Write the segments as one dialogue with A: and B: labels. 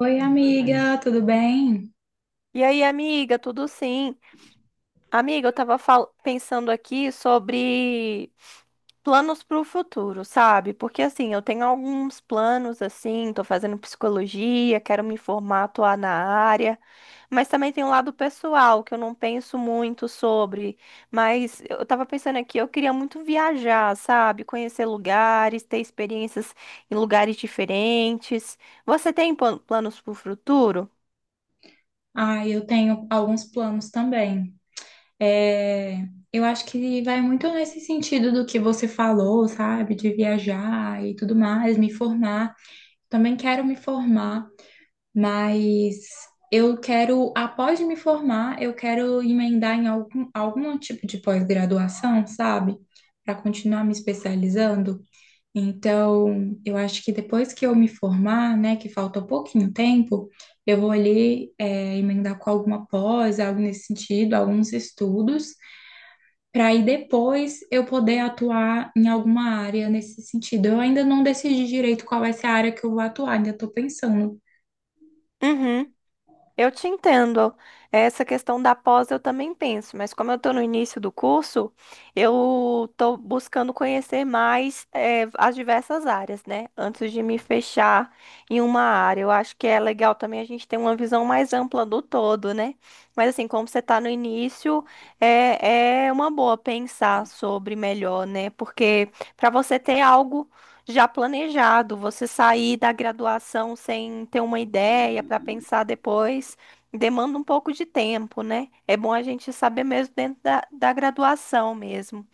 A: Oi, amiga, tudo bem?
B: E aí, amiga, tudo sim? Amiga, eu tava pensando aqui sobre planos para o futuro, sabe? Porque assim, eu tenho alguns planos assim, tô fazendo psicologia, quero me formar, atuar na área, mas também tem um lado pessoal que eu não penso muito sobre, mas eu tava pensando aqui, eu queria muito viajar, sabe? Conhecer lugares, ter experiências em lugares diferentes. Você tem planos para o futuro?
A: Ah, eu tenho alguns planos também. É, eu acho que vai muito nesse sentido do que você falou, sabe? De viajar e tudo mais, me formar. Também quero me formar, mas eu quero, após me formar, eu quero emendar em algum tipo de pós-graduação, sabe? Para continuar me especializando. Então, eu acho que depois que eu me formar, né, que falta pouquinho tempo, eu vou ali emendar com alguma pós, algo nesse sentido, alguns estudos, para aí depois eu poder atuar em alguma área nesse sentido. Eu ainda não decidi direito qual vai ser a área que eu vou atuar, ainda estou pensando.
B: Uhum. Eu te entendo. Essa questão da pós eu também penso, mas como eu estou no início do curso, eu estou buscando conhecer mais as diversas áreas, né? Antes de me fechar em uma área. Eu acho que é legal também a gente ter uma visão mais ampla do todo, né? Mas assim, como você está no início, é uma boa pensar sobre melhor, né? Porque para você ter algo já planejado, você sair da graduação sem ter uma ideia para pensar depois, demanda um pouco de tempo, né? É bom a gente saber mesmo dentro da graduação mesmo.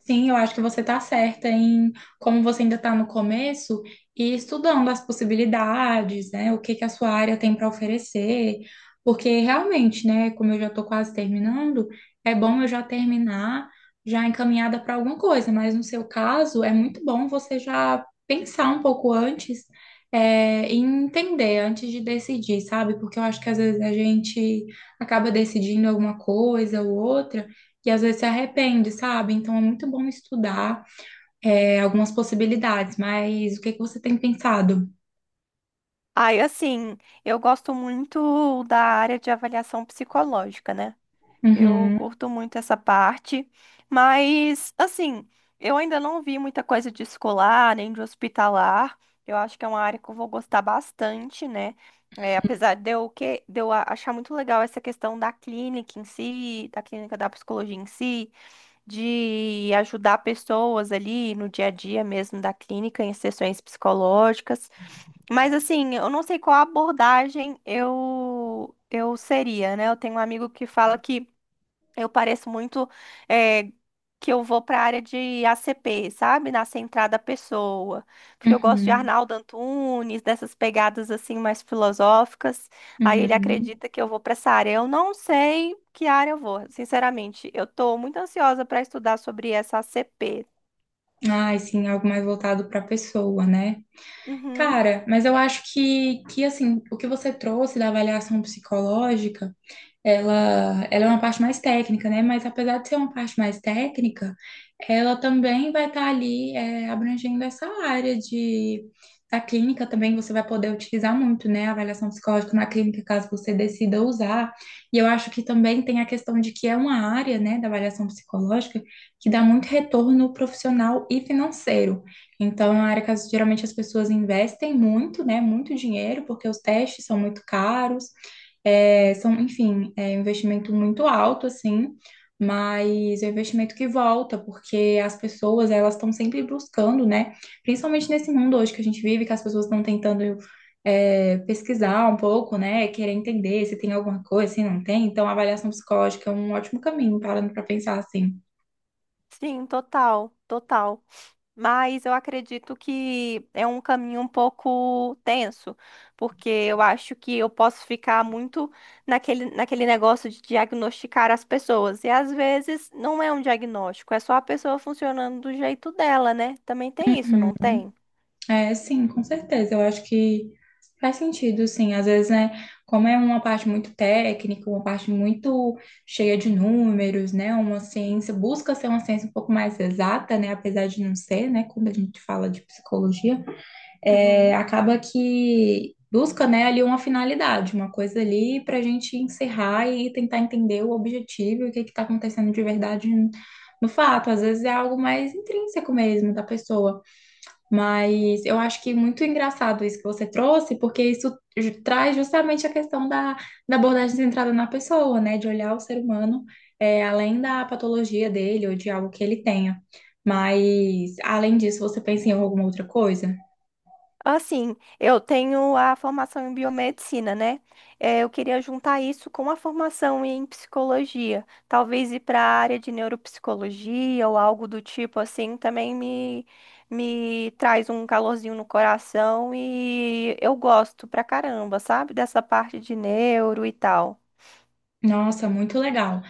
A: Sim, eu acho que você está certa em como você ainda está no começo e estudando as possibilidades, né? O que que a sua área tem para oferecer, porque realmente, né? Como eu já estou quase terminando, é bom eu já terminar já encaminhada para alguma coisa, mas no seu caso é muito bom você já pensar um pouco antes, e entender antes de decidir, sabe? Porque eu acho que às vezes a gente acaba decidindo alguma coisa ou outra e às vezes se arrepende, sabe? Então é muito bom estudar algumas possibilidades, mas o que que você tem pensado?
B: Aí, assim, eu gosto muito da área de avaliação psicológica, né? Eu
A: Uhum,
B: curto muito essa parte, mas assim, eu ainda não vi muita coisa de escolar, nem de hospitalar. Eu acho que é uma área que eu vou gostar bastante, né? É, apesar de eu achar muito legal essa questão da clínica em si, da clínica da psicologia em si, de ajudar pessoas ali no dia a dia mesmo da clínica, em sessões psicológicas. Mas assim, eu não sei qual abordagem eu seria, né? Eu tenho um amigo que fala que eu pareço muito eh, que eu vou para a área de ACP, sabe? Na centrada da pessoa. Porque eu gosto de
A: uhum,
B: Arnaldo Antunes, dessas pegadas assim mais filosóficas. Aí ele
A: uhum.
B: acredita que eu vou para essa área. Eu não sei que área eu vou, sinceramente. Eu tô muito ansiosa para estudar sobre essa ACP.
A: Ai, sim, algo mais voltado para a pessoa, né?
B: Uhum.
A: Cara, mas eu acho que assim, o que você trouxe da avaliação psicológica. Ela é uma parte mais técnica, né? Mas apesar de ser uma parte mais técnica, ela também vai estar ali abrangendo essa área de da clínica também você vai poder utilizar muito, né? A avaliação psicológica na clínica, caso você decida usar. E eu acho que também tem a questão de que é uma área, né, da avaliação psicológica que dá muito retorno profissional e financeiro. Então, é uma área que geralmente as pessoas investem muito, né? Muito dinheiro, porque os testes são muito caros. É, são, enfim, é um investimento muito alto, assim, mas é um investimento que volta, porque as pessoas, elas estão sempre buscando, né? Principalmente nesse mundo hoje que a gente vive, que as pessoas estão tentando, pesquisar um pouco, né? Querer entender se tem alguma coisa, se não tem. Então, a avaliação psicológica é um ótimo caminho, parando para pensar assim.
B: Sim, total, total. Mas eu acredito que é um caminho um pouco tenso, porque eu acho que eu posso ficar muito naquele negócio de diagnosticar as pessoas. E às vezes não é um diagnóstico, é só a pessoa funcionando do jeito dela, né? Também tem isso, não tem?
A: É, sim, com certeza. Eu acho que faz sentido, sim. Às vezes, né, como é uma parte muito técnica, uma parte muito cheia de números, né, uma ciência, busca ser uma ciência um pouco mais exata, né, apesar de não ser, né, quando a gente fala de psicologia,
B: Uhum.
A: acaba que busca, né, ali uma finalidade, uma coisa ali para a gente encerrar e tentar entender o objetivo e o que que está acontecendo de verdade no fato. Às vezes é algo mais intrínseco mesmo da pessoa. Mas eu acho que muito engraçado isso que você trouxe, porque isso traz justamente a questão da abordagem centrada na pessoa, né? De olhar o ser humano além da patologia dele ou de algo que ele tenha. Mas, além disso, você pensa em alguma outra coisa?
B: Assim, eu tenho a formação em biomedicina, né? Eh, eu queria juntar isso com a formação em psicologia. Talvez ir para a área de neuropsicologia ou algo do tipo assim também me traz um calorzinho no coração e eu gosto pra caramba, sabe? Dessa parte de neuro e tal.
A: Nossa, muito legal.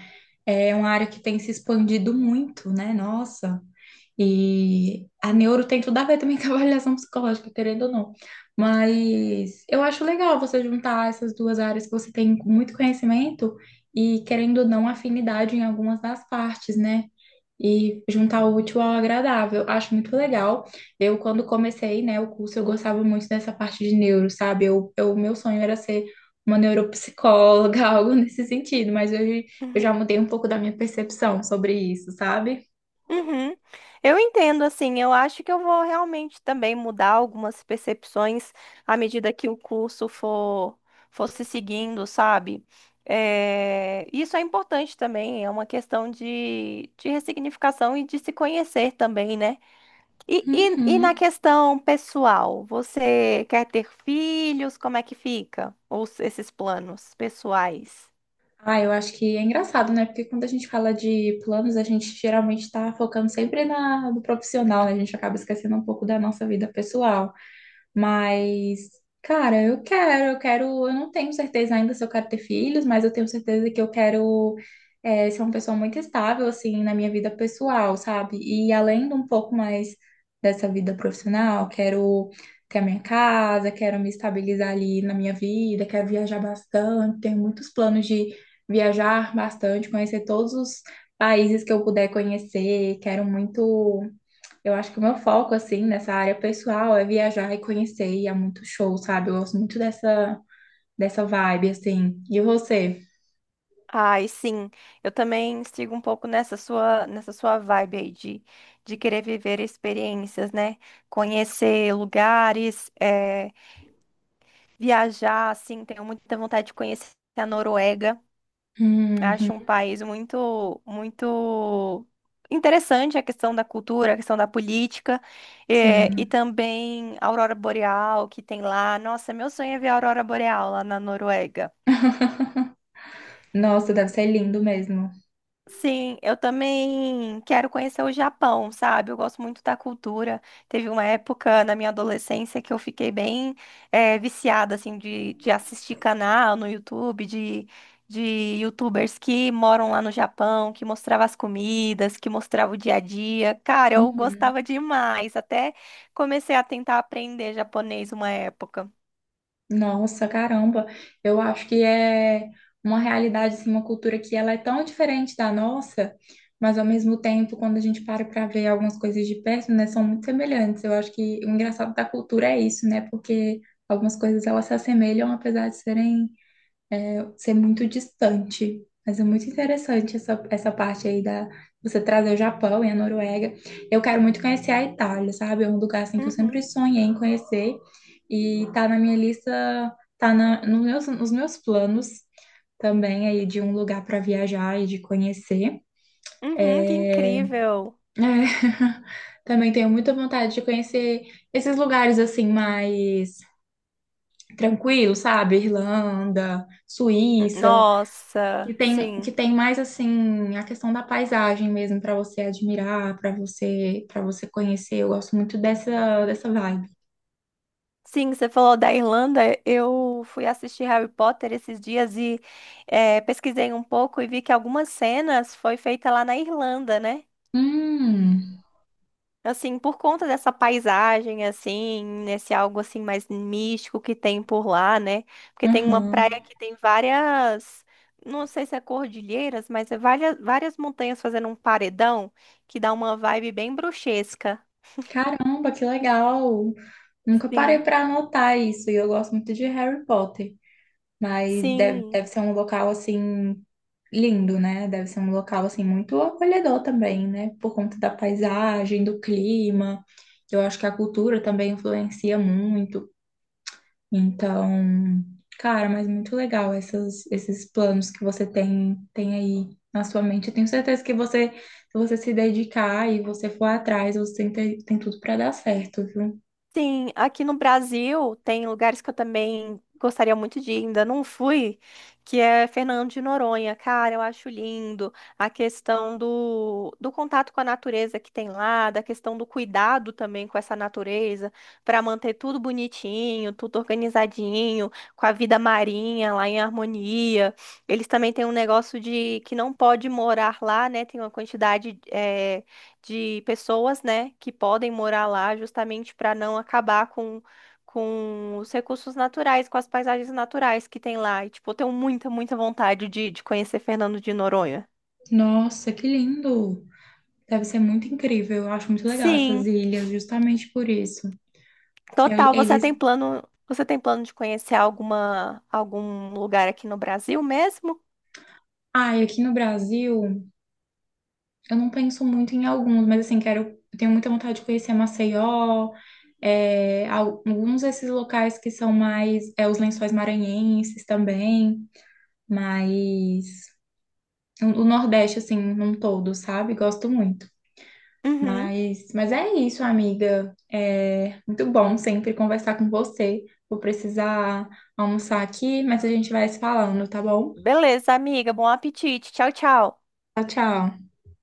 A: É uma área que tem se expandido muito, né? Nossa. E a neuro tem tudo a ver também com a avaliação psicológica, querendo ou não. Mas eu acho legal você juntar essas duas áreas que você tem muito conhecimento e, querendo ou não, afinidade em algumas das partes, né? E juntar o útil ao agradável. Acho muito legal. Eu, quando comecei, né, o curso, eu gostava muito dessa parte de neuro, sabe? Meu sonho era ser uma neuropsicóloga, algo nesse sentido, mas hoje eu já mudei um pouco da minha percepção sobre isso, sabe?
B: Uhum. Eu entendo, assim, eu acho que eu vou realmente também mudar algumas percepções à medida que o curso for se seguindo, sabe? É, isso é importante também, é uma questão de ressignificação e de se conhecer também, né? E na
A: Uhum.
B: questão pessoal, você quer ter filhos? Como é que fica? Ou esses planos pessoais?
A: Ah, eu acho que é engraçado, né? Porque quando a gente fala de planos, a gente geralmente está focando sempre no profissional, né? A gente acaba esquecendo um pouco da nossa vida pessoal. Mas, cara, eu quero, eu não tenho certeza ainda se eu quero ter filhos, mas eu tenho certeza que eu quero ser uma pessoa muito estável, assim, na minha vida pessoal, sabe? E além de um pouco mais dessa vida profissional, quero ter a minha casa, quero me estabilizar ali na minha vida, quero viajar bastante, tenho muitos planos de viajar bastante, conhecer todos os países que eu puder conhecer, quero muito. Eu acho que o meu foco, assim, nessa área pessoal é viajar e conhecer, e é muito show, sabe? Eu gosto muito dessa vibe, assim. E você?
B: Ai, sim. Eu também sigo um pouco nessa sua vibe aí de querer viver experiências, né? Conhecer lugares, viajar, assim. Tenho muita vontade de conhecer a Noruega. Acho
A: Uhum,
B: um país muito, muito interessante a questão da cultura, a questão da política, e
A: sim.
B: também a Aurora Boreal que tem lá. Nossa, meu sonho é ver a Aurora Boreal lá na Noruega.
A: Nossa, deve ser lindo mesmo.
B: Sim, eu também quero conhecer o Japão, sabe? Eu gosto muito da cultura. Teve uma época na minha adolescência que eu fiquei bem viciada, assim, de assistir canal no YouTube, de YouTubers que moram lá no Japão, que mostrava as comidas, que mostrava o dia a dia. Cara, eu
A: Uhum.
B: gostava demais. Até comecei a tentar aprender japonês uma época.
A: Nossa, caramba, eu acho que é uma realidade, assim, uma cultura que ela é tão diferente da nossa, mas ao mesmo tempo, quando a gente para para ver algumas coisas de perto, né, são muito semelhantes. Eu acho que o engraçado da cultura é isso, né, porque algumas coisas elas se assemelham apesar de ser muito distante. Mas é muito interessante essa parte aí da você trazer o Japão e a Noruega. Eu quero muito conhecer a Itália, sabe? É um lugar assim que eu sempre
B: Uhum,
A: sonhei em conhecer e tá na minha lista, tá na, no meus, nos meus planos também aí de um lugar para viajar e de conhecer.
B: uhum, que
A: É,
B: incrível.
A: é, também tenho muita vontade de conhecer esses lugares assim mais tranquilos, sabe? Irlanda, Suíça.
B: Nossa,
A: Que tem,
B: sim.
A: que tem mais assim a questão da paisagem mesmo para você admirar, para você conhecer. Eu gosto muito dessa vibe.
B: Sim, você falou da Irlanda. Eu fui assistir Harry Potter esses dias e pesquisei um pouco e vi que algumas cenas foi feita lá na Irlanda, né?
A: Hum,
B: Assim, por conta dessa paisagem, assim, nesse algo assim mais místico que tem por lá, né? Porque tem uma praia
A: aham.
B: que tem várias, não sei se é cordilheiras, mas é várias, várias montanhas fazendo um paredão que dá uma vibe bem bruxesca.
A: Caramba, que legal. Nunca parei
B: Sim,
A: para anotar isso e eu gosto muito de Harry Potter, mas
B: sim.
A: deve ser um local assim lindo, né? Deve ser um local assim muito acolhedor também, né? Por conta da paisagem, do clima. Eu acho que a cultura também influencia muito. Então, cara, mas muito legal esses planos que você tem, tem aí na sua mente. Eu tenho certeza que você se dedicar e você for atrás, você tem, tem tudo para dar certo, viu?
B: Sim, aqui no Brasil tem lugares que eu também gostaria muito de ir, ainda não fui, que é Fernando de Noronha. Cara, eu acho lindo a questão do contato com a natureza que tem lá, da questão do cuidado também com essa natureza, para manter tudo bonitinho, tudo organizadinho, com a vida marinha lá em harmonia. Eles também têm um negócio de que não pode morar lá, né? Tem uma quantidade de pessoas, né, que podem morar lá justamente para não acabar com os recursos naturais, com as paisagens naturais que tem lá. E, tipo, eu tenho muita, muita vontade de conhecer Fernando de Noronha.
A: Nossa, que lindo! Deve ser muito incrível. Eu acho muito legal essas
B: Sim,
A: ilhas, justamente por isso. que
B: total.
A: eles.
B: Você tem plano de conhecer alguma, algum lugar aqui no Brasil mesmo?
A: Ah, e aqui no Brasil. Eu não penso muito em alguns, mas assim, quero, eu tenho muita vontade de conhecer Maceió, alguns desses locais que são mais, é, os Lençóis Maranhenses também, mas o Nordeste, assim, num todo, sabe? Gosto muito.
B: Uhum.
A: Mas é isso, amiga. É muito bom sempre conversar com você. Vou precisar almoçar aqui, mas a gente vai se falando, tá bom?
B: Beleza, amiga. Bom apetite. Tchau, tchau.
A: Tchau, tchau.